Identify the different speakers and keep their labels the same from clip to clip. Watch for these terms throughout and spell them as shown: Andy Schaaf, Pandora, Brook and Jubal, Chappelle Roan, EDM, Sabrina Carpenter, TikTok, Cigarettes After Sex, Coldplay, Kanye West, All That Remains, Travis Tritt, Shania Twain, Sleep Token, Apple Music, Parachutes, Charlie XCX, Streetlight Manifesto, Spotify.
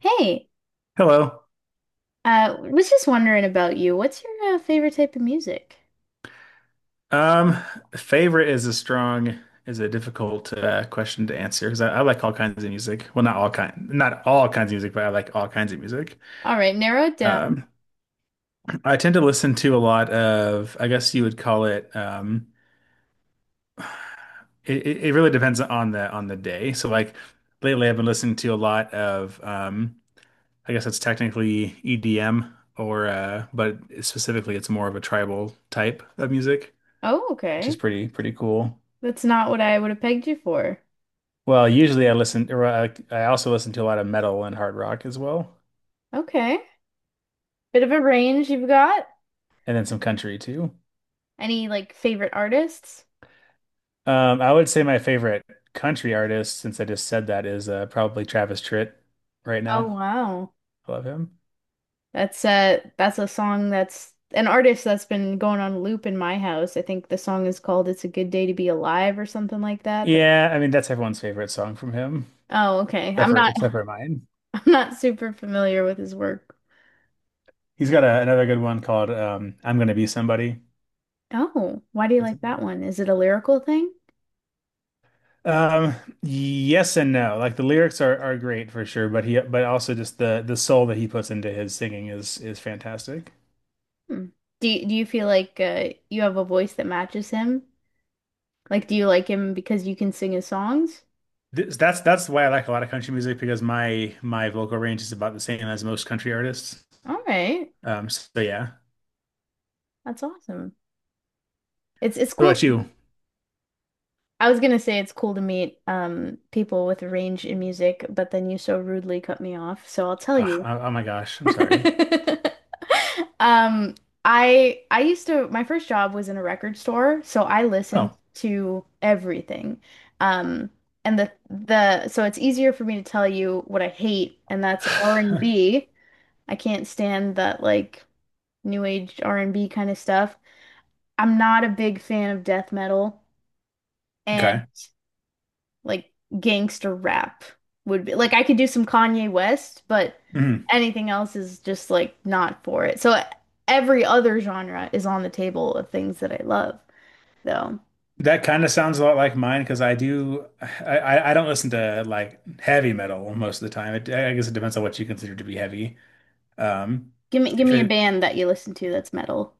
Speaker 1: Hey,
Speaker 2: Hello.
Speaker 1: was just wondering about you. What's your favorite type of music?
Speaker 2: Um, Favorite is a difficult question to answer because I like all kinds of music. Well, not all kind, not all kinds of music, but I like all kinds of music.
Speaker 1: All right, narrow it down.
Speaker 2: Um, I tend to listen to a lot of, I guess you would call it. It really depends on the day. So like lately, I've been listening to a lot of. I guess it's technically EDM or, but specifically, it's more of a tribal type of music,
Speaker 1: Oh,
Speaker 2: which
Speaker 1: okay.
Speaker 2: is pretty cool.
Speaker 1: That's not what I would have pegged you for.
Speaker 2: Well, usually I listen, or I also listen to a lot of metal and hard rock as well,
Speaker 1: Okay. Bit of a range you've got.
Speaker 2: and then some country too.
Speaker 1: Any like favorite artists?
Speaker 2: I would say my favorite country artist, since I just said that, is probably Travis Tritt right
Speaker 1: Oh,
Speaker 2: now.
Speaker 1: wow.
Speaker 2: I love him.
Speaker 1: That's a song, that's an artist that's been going on loop in my house. I think the song is called It's a Good Day to Be Alive or something like that. The-
Speaker 2: Yeah, I mean that's everyone's favorite song from him,
Speaker 1: Oh, okay.
Speaker 2: except
Speaker 1: I'm
Speaker 2: for
Speaker 1: not
Speaker 2: except for mine.
Speaker 1: I'm not super familiar with his work.
Speaker 2: He's got a, another good one called "I'm Gonna Be Somebody."
Speaker 1: Oh, why do you
Speaker 2: That's a
Speaker 1: like
Speaker 2: good
Speaker 1: that
Speaker 2: one.
Speaker 1: one? Is it a lyrical thing?
Speaker 2: Um, yes and no. Like the lyrics are great for sure, but he but also just the soul that he puts into his singing is fantastic.
Speaker 1: Hmm. Do you feel like you have a voice that matches him? Like, do you like him because you can sing his songs?
Speaker 2: That's why I like a lot of country music because my vocal range is about the same as most country artists.
Speaker 1: All right,
Speaker 2: So yeah.
Speaker 1: that's awesome. It's
Speaker 2: What
Speaker 1: cool.
Speaker 2: about you?
Speaker 1: I was gonna say it's cool to meet people with range in music, but then you so rudely cut me off. So I'll tell
Speaker 2: Ah,
Speaker 1: you.
Speaker 2: oh, oh my gosh, I'm sorry.
Speaker 1: Um, I used to, my first job was in a record store, so I listened
Speaker 2: Oh,
Speaker 1: to everything. Um, and the so it's easier for me to tell you what I hate, and that's r and B. I can't stand that like new age R&B kind of stuff. I'm not a big fan of death metal, and
Speaker 2: okay.
Speaker 1: like gangster rap would be. Like I could do some Kanye West, but
Speaker 2: Mhm.
Speaker 1: anything else is just like not for it. So every other genre is on the table of things that I love, though.
Speaker 2: That kind of sounds a lot like mine because I do I don't listen to like heavy metal most of the time. It, I guess it depends on what you consider to be heavy. Um,
Speaker 1: Give me give
Speaker 2: if
Speaker 1: me a
Speaker 2: it
Speaker 1: band that you listen to that's metal.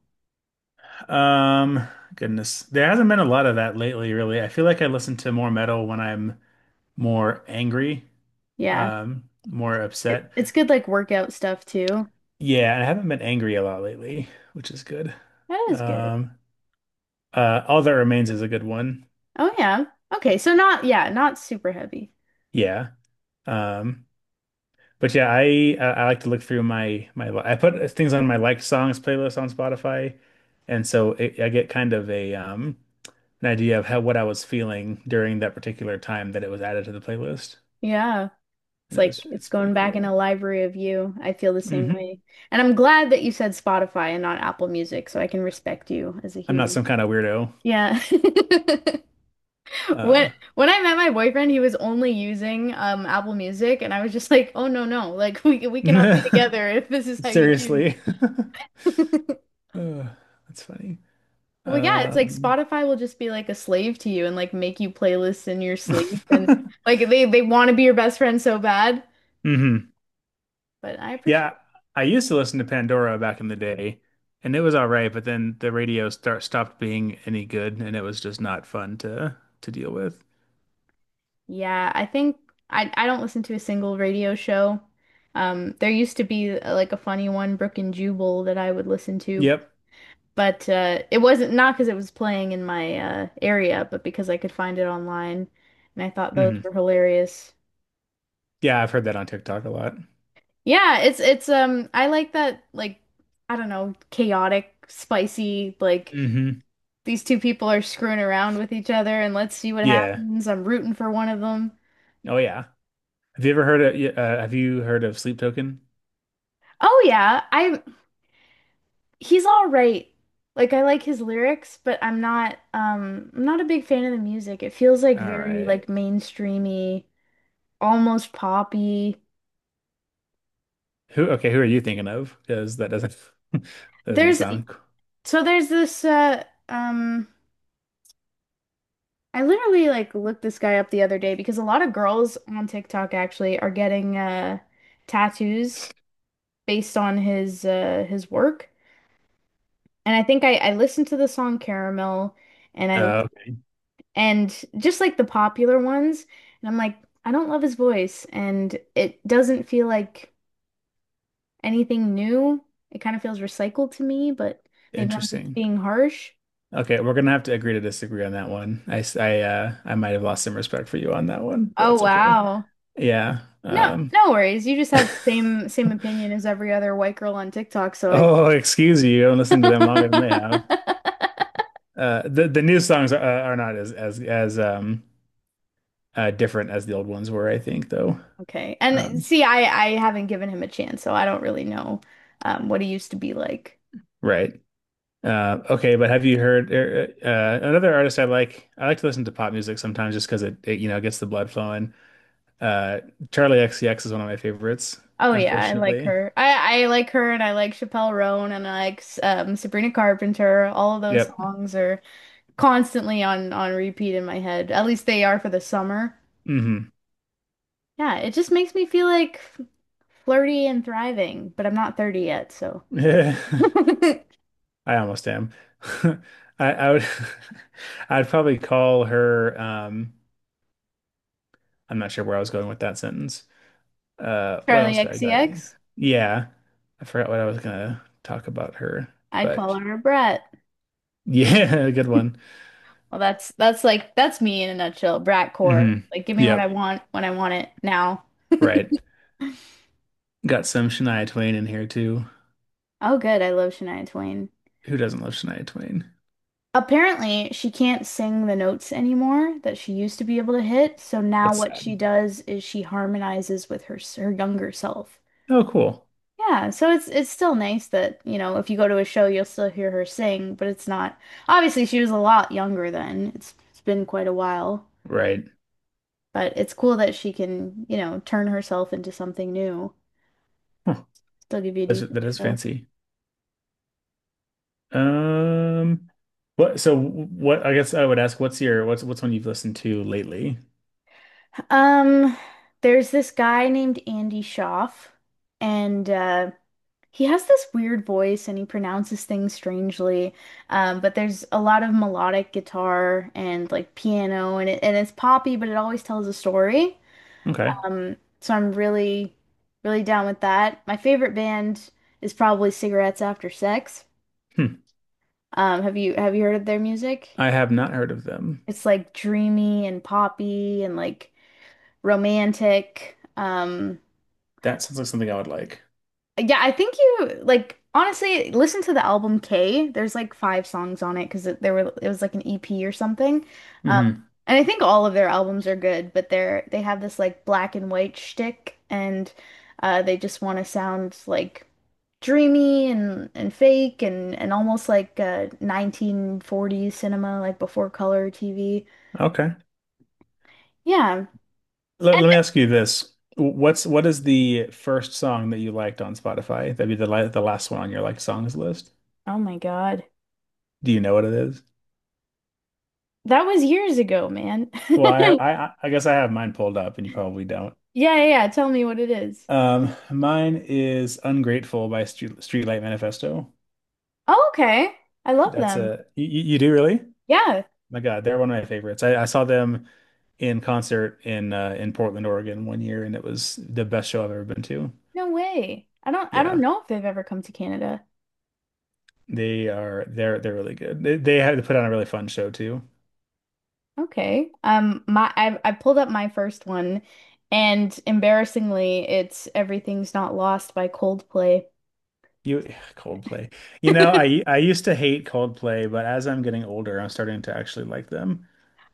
Speaker 2: um goodness, there hasn't been a lot of that lately, really. I feel like I listen to more metal when I'm more angry,
Speaker 1: Yeah.
Speaker 2: more
Speaker 1: It,
Speaker 2: upset.
Speaker 1: it's good like workout stuff too.
Speaker 2: Yeah, and I haven't been angry a lot lately, which is good.
Speaker 1: That is good.
Speaker 2: Um, All That Remains is a good one.
Speaker 1: Oh yeah. Okay, so not yeah, not super heavy.
Speaker 2: Yeah. Um, but yeah, I like to look through my I put things on my liked songs playlist on Spotify, and I get kind of a an idea of how what I was feeling during that particular time that it was added to the playlist,
Speaker 1: Yeah. It's
Speaker 2: and it
Speaker 1: like
Speaker 2: was
Speaker 1: it's
Speaker 2: it's pretty
Speaker 1: going back in
Speaker 2: cool.
Speaker 1: a library of you. I feel the same
Speaker 2: Hmm.
Speaker 1: way. And I'm glad that you said Spotify and not Apple Music, so I can respect you as a
Speaker 2: I'm not
Speaker 1: human.
Speaker 2: some kind of weirdo.
Speaker 1: Yeah. When
Speaker 2: Uh,
Speaker 1: when I met my boyfriend, he was only using Apple Music and I was just like, "Oh no, no. Like we cannot be together if this is how you choose."
Speaker 2: seriously. Oh, that's funny.
Speaker 1: Well, yeah, it's like
Speaker 2: Um,
Speaker 1: Spotify will just be like a slave to you and like make you playlists in your sleep and like they want to be your best friend so bad,
Speaker 2: hmm.
Speaker 1: but I appreciate.
Speaker 2: Yeah, I used to listen to Pandora back in the day, and it was all right, but then the radio start stopped being any good, and it was just not fun to deal with.
Speaker 1: Yeah, I think I don't listen to a single radio show. There used to be like a funny one, Brook and Jubal, that I would listen to,
Speaker 2: Yep.
Speaker 1: but it wasn't, not because it was playing in my area, but because I could find it online, and I thought those were
Speaker 2: Hmm.
Speaker 1: hilarious.
Speaker 2: Yeah, I've heard that on TikTok a lot.
Speaker 1: Yeah, it's I like that, like I don't know, chaotic, spicy, like
Speaker 2: Hmm.
Speaker 1: these two people are screwing around with each other, and let's see what
Speaker 2: Yeah.
Speaker 1: happens. I'm rooting for one of them.
Speaker 2: Oh yeah. Have you ever heard of have you heard of Sleep Token?
Speaker 1: Oh yeah, I he's all right. Like I like his lyrics, but I'm not a big fan of the music. It feels like
Speaker 2: All
Speaker 1: very
Speaker 2: right.
Speaker 1: like mainstreamy, almost poppy.
Speaker 2: Who are you thinking of? Because that doesn't doesn't
Speaker 1: There's
Speaker 2: sound
Speaker 1: so there's this I literally like looked this guy up the other day because a lot of girls on TikTok actually are getting tattoos based on his work. And I think I listened to the song Caramel and I
Speaker 2: uh,
Speaker 1: and just like the popular ones. And I'm like, I don't love his voice, and it doesn't feel like anything new. It kind of feels recycled to me, but maybe I'm just
Speaker 2: interesting.
Speaker 1: being harsh.
Speaker 2: Okay, we're gonna have to agree to disagree on that one. I might have lost some respect for you on that one, but
Speaker 1: Oh
Speaker 2: that's okay.
Speaker 1: wow.
Speaker 2: Yeah.
Speaker 1: No, no worries. You just have the same opinion as every other white girl on TikTok, so I
Speaker 2: Oh, excuse you. I'm listening to them longer than they have. The new songs are not as different as the old ones were, I think, though.
Speaker 1: okay. And
Speaker 2: Um,
Speaker 1: see, I haven't given him a chance, so I don't really know what he used to be like.
Speaker 2: right. Okay, but have you heard another artist I like? I like to listen to pop music sometimes just because it you know gets the blood flowing. Uh, Charlie XCX is one of my favorites,
Speaker 1: Oh yeah, I like
Speaker 2: unfortunately.
Speaker 1: her. I like her, and I like Chappelle Roan, and I like Sabrina Carpenter. All of those
Speaker 2: Yep.
Speaker 1: songs are constantly on repeat in my head. At least they are for the summer.
Speaker 2: Hmm.
Speaker 1: Yeah, it just makes me feel like flirty and thriving, but I'm not 30 yet, so.
Speaker 2: Yeah, I almost am. I would I'd probably call her I'm not sure where I was going with that sentence. What else
Speaker 1: Charlie
Speaker 2: do I got?
Speaker 1: XCX,
Speaker 2: Yeah. I forgot what I was gonna talk about her,
Speaker 1: I'd
Speaker 2: but
Speaker 1: call her a brat.
Speaker 2: yeah, good one.
Speaker 1: Well, that's me in a nutshell, brat core.
Speaker 2: Hmm.
Speaker 1: Like, give me what I
Speaker 2: Yep,
Speaker 1: want when I want it now.
Speaker 2: right. Got some Shania Twain in here too.
Speaker 1: Oh, good, I love Shania Twain.
Speaker 2: Who doesn't love Shania Twain?
Speaker 1: Apparently, she can't sing the notes anymore that she used to be able to hit. So now
Speaker 2: That's
Speaker 1: what she
Speaker 2: sad.
Speaker 1: does is she harmonizes with her younger self.
Speaker 2: Oh, cool.
Speaker 1: Yeah, so it's still nice that, you know, if you go to a show, you'll still hear her sing, but it's not. Obviously, she was a lot younger then. It's been quite a while,
Speaker 2: Right.
Speaker 1: but it's cool that she can, you know, turn herself into something new.
Speaker 2: Huh.
Speaker 1: Still give you a
Speaker 2: That
Speaker 1: decent
Speaker 2: is
Speaker 1: show.
Speaker 2: fancy. Um, what? So what? I guess I would ask, what's your what's one you've listened to lately?
Speaker 1: Um, there's this guy named Andy Schaaf, and he has this weird voice and he pronounces things strangely, but there's a lot of melodic guitar and like piano and it's poppy, but it always tells a story.
Speaker 2: Okay.
Speaker 1: So I'm really, really down with that. My favorite band is probably Cigarettes After Sex.
Speaker 2: Hmm.
Speaker 1: Have you heard of their music?
Speaker 2: I have not heard of them.
Speaker 1: It's like dreamy and poppy and like romantic.
Speaker 2: That sounds like something I would like.
Speaker 1: Yeah, I think you like honestly listen to the album K. There's like 5 songs on it because it, there were it was like an EP or something. Um,
Speaker 2: Hmm.
Speaker 1: and I think all of their albums are good, but they have this like black and white shtick, and they just want to sound like dreamy and fake and almost like 1940s cinema, like before color TV.
Speaker 2: Okay.
Speaker 1: Yeah. And
Speaker 2: Let me ask you this. What is the first song that you liked on Spotify? That'd be the last one on your like songs list.
Speaker 1: oh my God,
Speaker 2: Do you know what it is?
Speaker 1: that was years ago, man.
Speaker 2: Well, I have I I I guess I have mine pulled up, and you probably don't.
Speaker 1: Yeah, yeah, yeah. Tell me what it is.
Speaker 2: Mine is "Ungrateful" by Streetlight Manifesto.
Speaker 1: Oh, okay. I love
Speaker 2: That's
Speaker 1: them.
Speaker 2: a you do really?
Speaker 1: Yeah.
Speaker 2: My God, they're one of my favorites. I saw them in concert in Portland, Oregon one year, and it was the best show I've ever been to.
Speaker 1: No way. I don't
Speaker 2: Yeah,
Speaker 1: know if they've ever come to Canada.
Speaker 2: they're they're really good. They had to put on a really fun show too.
Speaker 1: Okay. My I pulled up my first one and embarrassingly it's Everything's Not Lost by Coldplay.
Speaker 2: You Coldplay. You know, I used to hate Coldplay, but as I'm getting older, I'm starting to actually like them.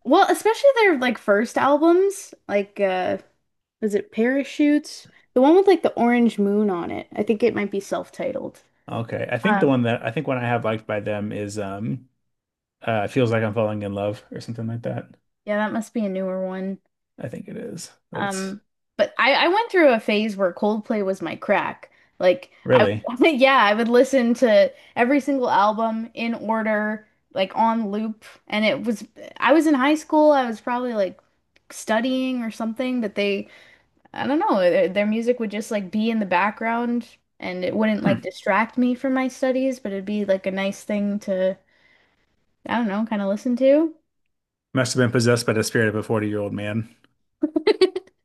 Speaker 1: Well, especially their like first albums, like was it Parachutes? The one with like the orange moon on it. I think it might be self-titled.
Speaker 2: Okay, I think
Speaker 1: Um
Speaker 2: one I have liked by them is Feels Like I'm Falling in Love or something like that.
Speaker 1: yeah, that must be a newer one.
Speaker 2: I think it is. But it's
Speaker 1: Um, but I went through a phase where Coldplay was my crack. Like I
Speaker 2: really
Speaker 1: would, yeah, I would listen to every single album in order, like on loop. And it was, I was in high school, I was probably like studying or something, but they I don't know, their music would just like be in the background and it wouldn't like
Speaker 2: hmm,
Speaker 1: distract me from my studies, but it'd be like a nice thing to, I don't know, kind of listen to.
Speaker 2: must have been possessed by the spirit of a 40-year-old man.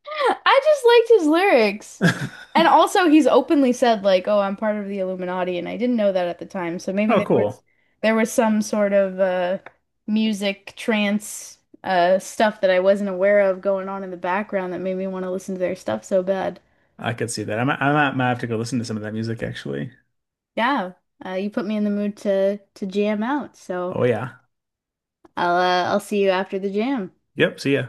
Speaker 1: I just liked his lyrics. And also he's openly said like, "Oh, I'm part of the Illuminati," and I didn't know that at the time. So maybe
Speaker 2: Oh,
Speaker 1: there was,
Speaker 2: cool.
Speaker 1: there was some sort of music trance stuff that I wasn't aware of going on in the background that made me want to listen to their stuff so bad.
Speaker 2: I could see that. Might have to go listen to some of that music actually.
Speaker 1: Yeah. You put me in the mood to jam out. So
Speaker 2: Oh yeah.
Speaker 1: I'll see you after the jam.
Speaker 2: Yep. See ya.